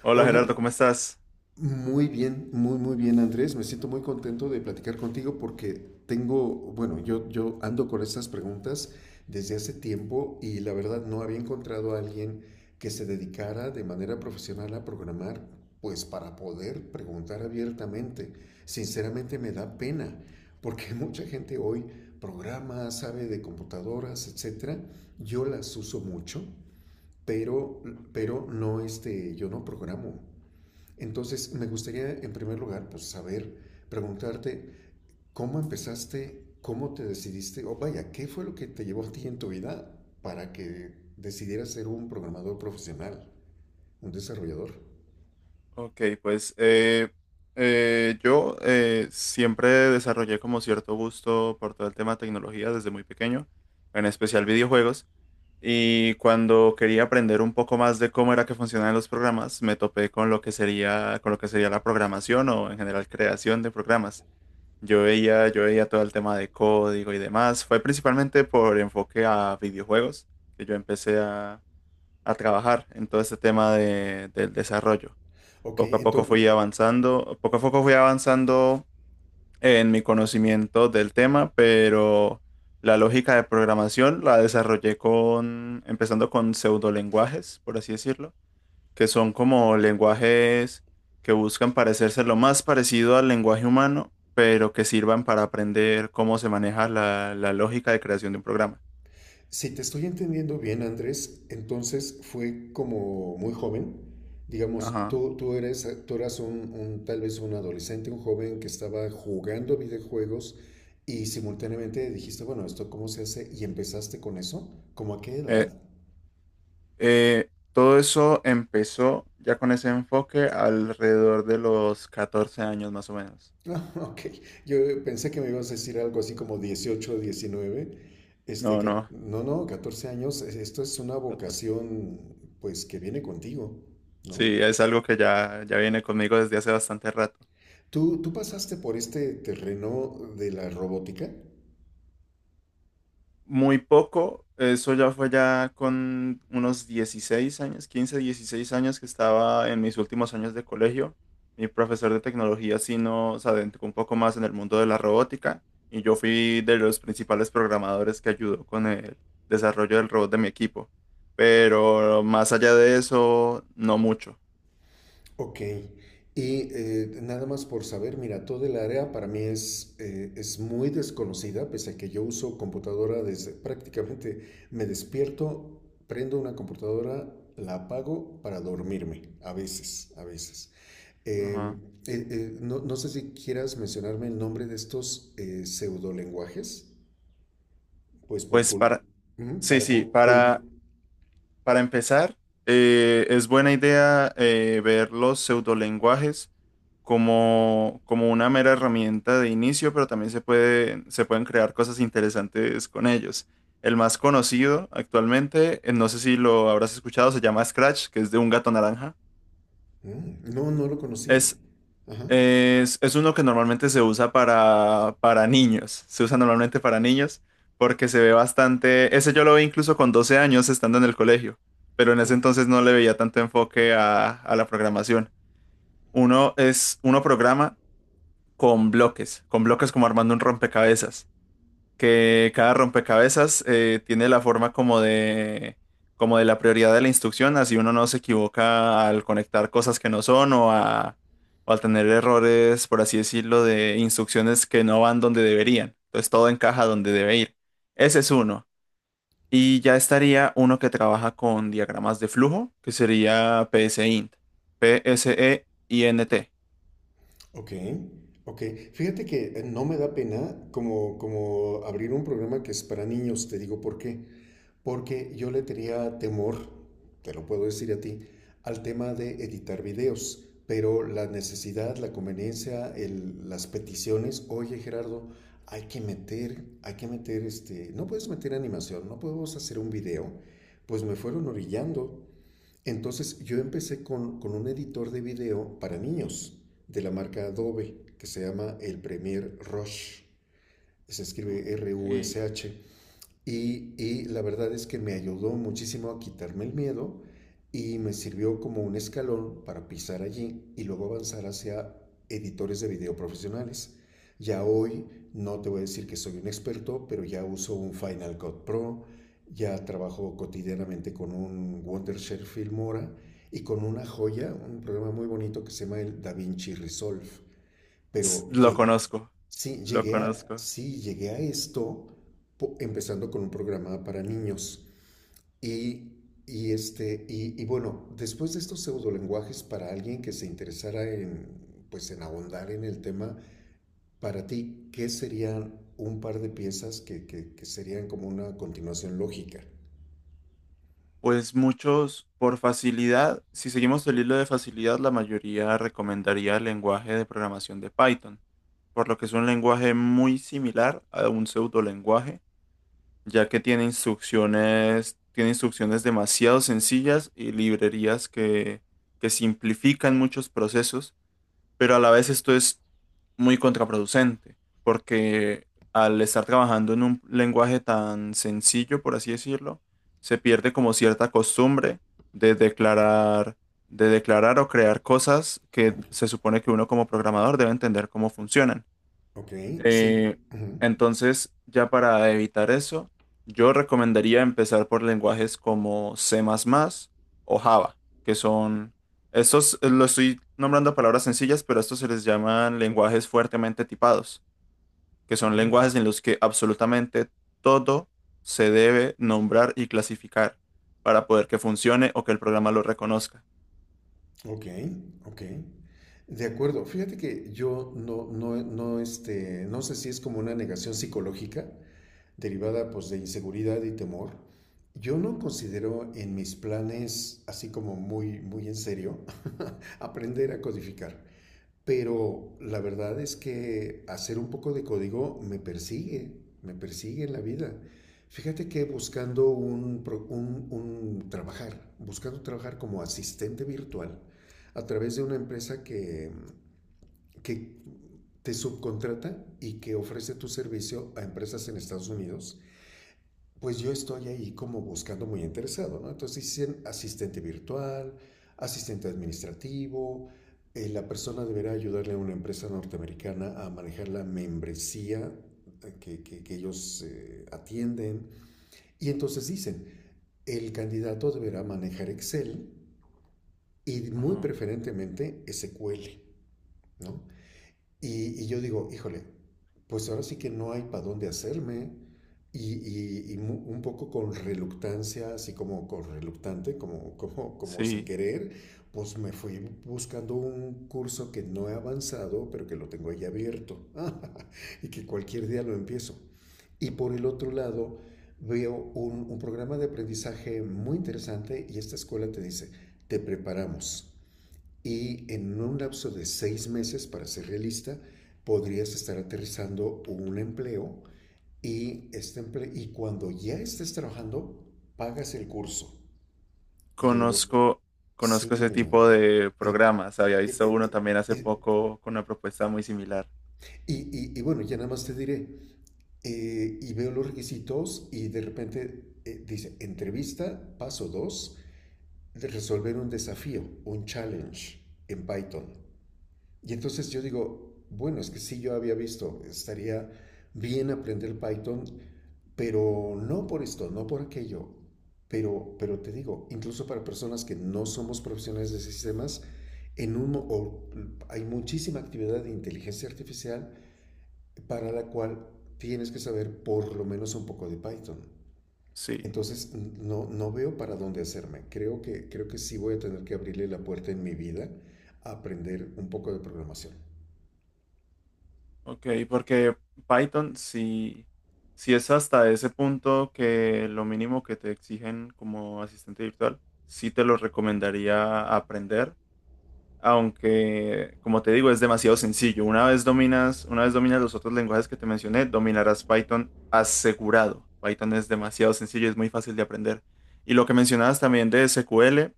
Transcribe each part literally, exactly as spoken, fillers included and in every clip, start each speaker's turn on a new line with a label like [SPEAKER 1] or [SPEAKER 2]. [SPEAKER 1] Hola
[SPEAKER 2] Hola,
[SPEAKER 1] Gerardo, ¿cómo estás?
[SPEAKER 2] muy bien, muy, muy bien, Andrés. Me siento muy contento de platicar contigo porque tengo, bueno, yo, yo ando con estas preguntas desde hace tiempo y la verdad no había encontrado a alguien que se dedicara de manera profesional a programar, pues para poder preguntar abiertamente. Sinceramente me da pena porque mucha gente hoy programa, sabe de computadoras, etcétera. Yo las uso mucho, pero,
[SPEAKER 1] Okay,
[SPEAKER 2] pero no, este, yo no programo. Entonces, me gustaría en primer lugar pues, saber, preguntarte, ¿cómo empezaste? ¿Cómo te decidiste? O vaya, ¿qué fue lo que te llevó a ti en tu vida para que decidieras ser un programador profesional, un desarrollador?
[SPEAKER 1] ok, pues eh, eh, yo eh, siempre desarrollé como cierto gusto por todo el tema de tecnología desde muy pequeño, en especial videojuegos, y cuando quería aprender un poco más de cómo era que funcionaban los programas, me topé con lo que sería, con lo que sería la programación o en general creación de programas. Yo veía, yo veía todo el tema de código y demás. Fue principalmente por enfoque a videojuegos que yo empecé a trabajar en todo este tema de- del desarrollo.
[SPEAKER 2] Ok,
[SPEAKER 1] Poco a poco
[SPEAKER 2] entonces.
[SPEAKER 1] fui avanzando, poco a poco fui avanzando en mi conocimiento del tema, pero la lógica de programación la desarrollé con, empezando con pseudolenguajes, por así decirlo, que son como lenguajes que buscan parecerse lo más parecido al lenguaje humano, pero que sirvan para aprender cómo se maneja la, la lógica de creación de un programa.
[SPEAKER 2] Si te estoy entendiendo bien, Andrés, entonces fue como muy joven. Digamos,
[SPEAKER 1] Ajá.
[SPEAKER 2] tú, tú eres, tú eras un, un- tal vez un adolescente, un joven que estaba jugando videojuegos y simultáneamente dijiste, bueno, ¿esto cómo se hace? Y empezaste con eso. ¿Cómo a qué
[SPEAKER 1] Eh,
[SPEAKER 2] edad?
[SPEAKER 1] Eh, todo eso empezó ya con ese enfoque alrededor de los catorce años más o menos.
[SPEAKER 2] Ah, ok. Yo pensé que me ibas a decir algo así como dieciocho, diecinueve. Este,
[SPEAKER 1] No,
[SPEAKER 2] ca-
[SPEAKER 1] no.
[SPEAKER 2] no, no, catorce años. e, Esto es una
[SPEAKER 1] Catorce.
[SPEAKER 2] vocación, pues, que viene contigo, ¿no?
[SPEAKER 1] Sí, es algo que ya, ya viene conmigo desde hace bastante rato.
[SPEAKER 2] ¿Tú, tú pasaste por este terreno de la robótica?
[SPEAKER 1] Muy poco. Eso ya fue ya con unos dieciséis años, quince dieciséis años que estaba en mis últimos años de colegio. Mi profesor de tecnología sí nos adentró un poco más en el mundo de la robótica y yo fui de los principales programadores que ayudó con el desarrollo del robot de mi equipo. Pero más allá de eso, no mucho.
[SPEAKER 2] Ok. Y eh, nada más por saber, mira, todo el área para mí es, eh, es muy desconocida, pese a que yo uso computadora desde prácticamente me despierto, prendo una computadora, la apago para dormirme, a veces, a veces. Eh,
[SPEAKER 1] Ajá.
[SPEAKER 2] eh, eh, no, no sé si quieras mencionarme el nombre de estos eh, pseudolenguajes, pues por
[SPEAKER 1] Pues
[SPEAKER 2] cul-
[SPEAKER 1] para,
[SPEAKER 2] ujú,
[SPEAKER 1] sí,
[SPEAKER 2] para
[SPEAKER 1] sí,
[SPEAKER 2] cul- cul-
[SPEAKER 1] para Para empezar, eh, es buena idea eh, ver los pseudolenguajes como, como una mera herramienta de inicio, pero también se puede, se pueden crear cosas interesantes con ellos. El más conocido actualmente, eh, no sé si lo habrás escuchado, se llama Scratch, que es de un gato naranja.
[SPEAKER 2] Mm. No, no lo conocía.
[SPEAKER 1] Es
[SPEAKER 2] Ajá.
[SPEAKER 1] es, es uno que normalmente se usa para, para niños, se usa normalmente para niños porque se ve bastante, ese yo lo vi incluso con doce años estando en el colegio, pero en ese entonces no le veía tanto enfoque a, a la programación. Uno es, uno programa con bloques, con bloques como armando un rompecabezas que cada rompecabezas eh, tiene la forma como de, como de la prioridad de la instrucción, así uno no se equivoca al conectar cosas que no son o, a, o al tener errores, por así decirlo, de instrucciones que no van donde deberían. Entonces todo encaja donde debe ir. Ese es uno. Y ya estaría uno que trabaja con diagramas de flujo, que sería PSEINT. P S E I N T.
[SPEAKER 2] Ok, ok. Fíjate que eh, no me da pena como, como abrir un programa que es para niños, te digo por qué. Porque yo le tenía temor, te lo puedo decir a ti, al tema de editar videos. Pero la necesidad, la conveniencia, el- las peticiones, oye Gerardo, hay que meter, hay que meter este, no puedes meter animación, no podemos hacer un video. Pues me fueron orillando. Entonces yo empecé con, con un editor de video para niños de la marca Adobe que se llama el Premiere Rush. Se escribe
[SPEAKER 1] Ok.
[SPEAKER 2] R-U-S-H. Y, y la verdad es que me ayudó muchísimo a quitarme el miedo y me sirvió como un escalón para pisar allí y luego avanzar hacia editores de video profesionales. Ya hoy no te voy a decir que soy un experto, pero ya uso un Final Cut Pro, ya trabajo cotidianamente con un Wondershare Filmora y con una joya, un programa muy bonito que se llama el DaVinci Resolve.
[SPEAKER 1] S-
[SPEAKER 2] Pero
[SPEAKER 1] Lo
[SPEAKER 2] llegué,
[SPEAKER 1] conozco,
[SPEAKER 2] sí,
[SPEAKER 1] lo
[SPEAKER 2] llegué a,
[SPEAKER 1] conozco.
[SPEAKER 2] sí, llegué a esto po- empezando con un programa para niños. Y, y este, y, y bueno, después de estos pseudolenguajes, para alguien que se interesara en, pues, en ahondar en el tema, para ti, ¿qué serían un par de piezas que, que- que serían como una continuación lógica?
[SPEAKER 1] Pues muchos, por facilidad, si seguimos el hilo de facilidad, la mayoría recomendaría el lenguaje de programación de Python, por lo que es un lenguaje muy similar a un pseudolenguaje, ya que tiene instrucciones, tiene instrucciones demasiado sencillas y librerías que, que simplifican muchos procesos, pero a la vez esto es muy contraproducente, porque al estar trabajando en un lenguaje tan sencillo, por así decirlo, se pierde como cierta costumbre de declarar, de declarar, o crear cosas que
[SPEAKER 2] Ok,
[SPEAKER 1] se supone que uno como programador debe entender cómo funcionan.
[SPEAKER 2] ok, sí.
[SPEAKER 1] Eh,
[SPEAKER 2] Ujú,
[SPEAKER 1] entonces, ya para evitar eso, yo recomendaría empezar por lenguajes como C más más o Java, que son, estos eh, lo estoy nombrando palabras sencillas, pero estos se les llaman lenguajes fuertemente tipados, que son
[SPEAKER 2] ujú.
[SPEAKER 1] lenguajes en los que absolutamente todo se debe nombrar y clasificar para poder que funcione o que el programa lo reconozca.
[SPEAKER 2] Ok, ok. De acuerdo. Fíjate que yo no, no, no, este, no sé si es como una negación psicológica derivada pues de inseguridad y temor. Yo no considero en mis planes, así como muy, muy en serio, aprender a codificar. Pero la verdad es que hacer un poco de código me persigue, me persigue en la vida. Fíjate que buscando un, un- un trabajar, buscando trabajar como asistente virtual a través de una empresa que, que te subcontrata y que ofrece tu servicio a empresas en Estados Unidos, pues yo estoy ahí como buscando muy interesado, ¿no? Entonces dicen asistente virtual, asistente administrativo, eh, la persona deberá ayudarle a una empresa norteamericana a manejar la membresía eh, que, que- que ellos eh, atienden. Y entonces dicen, el candidato deberá manejar Excel y muy
[SPEAKER 1] Ajá.
[SPEAKER 2] preferentemente S Q L, ¿no? Y, y yo digo, híjole, pues ahora sí que no hay para dónde hacerme. Y, y- y mu- un poco con reluctancia, así como con reluctante, como, como, como sin
[SPEAKER 1] Sí.
[SPEAKER 2] querer, pues me fui buscando un curso que no he avanzado, pero que lo tengo ahí abierto. Y que cualquier día lo empiezo. Y por el otro lado, veo un, un programa de aprendizaje muy interesante y esta escuela te dice, te preparamos y en un lapso de seis meses, para ser realista, podrías estar aterrizando un empleo y, este empleo y cuando ya estés trabajando, pagas el curso. Y yo digo,
[SPEAKER 1] Conozco,
[SPEAKER 2] sí.
[SPEAKER 1] conozco ese tipo de
[SPEAKER 2] eh,
[SPEAKER 1] programas. Había
[SPEAKER 2] eh,
[SPEAKER 1] visto
[SPEAKER 2] eh,
[SPEAKER 1] uno
[SPEAKER 2] eh,
[SPEAKER 1] también hace
[SPEAKER 2] eh,
[SPEAKER 1] poco con una propuesta muy similar.
[SPEAKER 2] y, y- y bueno, ya nada más te diré, eh, y veo los requisitos y de repente eh, dice, entrevista, paso dos de resolver un desafío, un challenge en Python. Y entonces yo digo, bueno, es que sí yo había visto, estaría bien aprender Python, pero no por esto, no por aquello. Pero, pero te digo, incluso para personas que no somos profesionales de sistemas, en un, o, hay muchísima actividad de inteligencia artificial para la cual tienes que saber por lo menos un poco de Python.
[SPEAKER 1] Sí,
[SPEAKER 2] Entonces, no, no veo para dónde hacerme. Creo que, creo que sí voy a tener que abrirle la puerta en mi vida a aprender un poco de programación.
[SPEAKER 1] ok, porque Python sí, sí es hasta ese punto que lo mínimo que te exigen como asistente virtual, sí te lo recomendaría aprender aunque como te digo es demasiado sencillo. Una vez dominas, una vez dominas los otros lenguajes que te mencioné, dominarás Python asegurado. Python es demasiado sencillo, es muy fácil de aprender. Y lo que mencionabas también de SQL,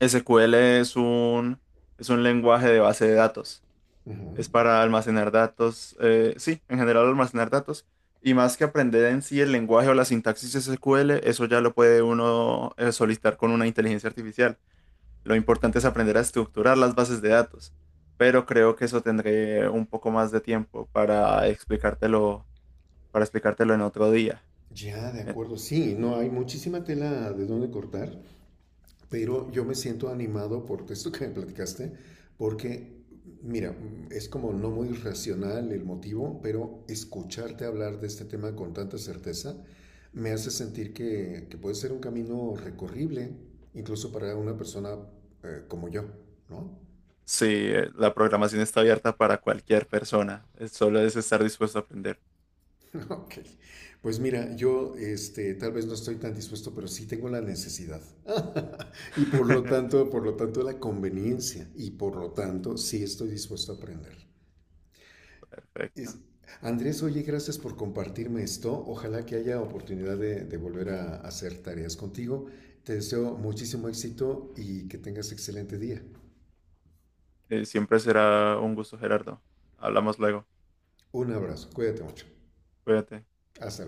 [SPEAKER 1] SQL es un, es un lenguaje de base de datos.
[SPEAKER 2] Uh -huh.
[SPEAKER 1] Es para almacenar datos, eh, sí, en general almacenar datos. Y más que aprender en sí el lenguaje o la sintaxis de S Q L, eso ya lo puede uno eh, solicitar con una inteligencia artificial. Lo importante es aprender a estructurar las bases de datos, pero creo que eso tendré un poco más de tiempo para explicártelo, para explicártelo, en otro día.
[SPEAKER 2] Ya, de
[SPEAKER 1] Eh,
[SPEAKER 2] acuerdo, sí, no hay muchísima tela de dónde cortar, pero yo me siento animado por esto que me platicaste, porque, mira, es como no muy racional el motivo, pero escucharte hablar de este tema con tanta certeza me hace sentir que, que puede ser un camino recorrible, incluso para una persona eh, como yo, ¿no?
[SPEAKER 1] Sí, eh, la programación está abierta para cualquier persona, eh, solo es estar dispuesto a aprender.
[SPEAKER 2] Ok, pues mira, yo este, tal vez no estoy tan dispuesto, pero sí tengo la necesidad. Y por lo tanto, por lo tanto, la conveniencia. Y por lo tanto, sí estoy dispuesto a aprender. Es-
[SPEAKER 1] Perfecto.
[SPEAKER 2] Andrés, oye, gracias por compartirme esto. Ojalá que haya oportunidad de, de volver a hacer tareas contigo. Te deseo muchísimo éxito y que tengas excelente día.
[SPEAKER 1] Eh, siempre será un gusto, Gerardo. Hablamos luego.
[SPEAKER 2] Un abrazo, cuídate mucho.
[SPEAKER 1] Cuídate.
[SPEAKER 2] Hasta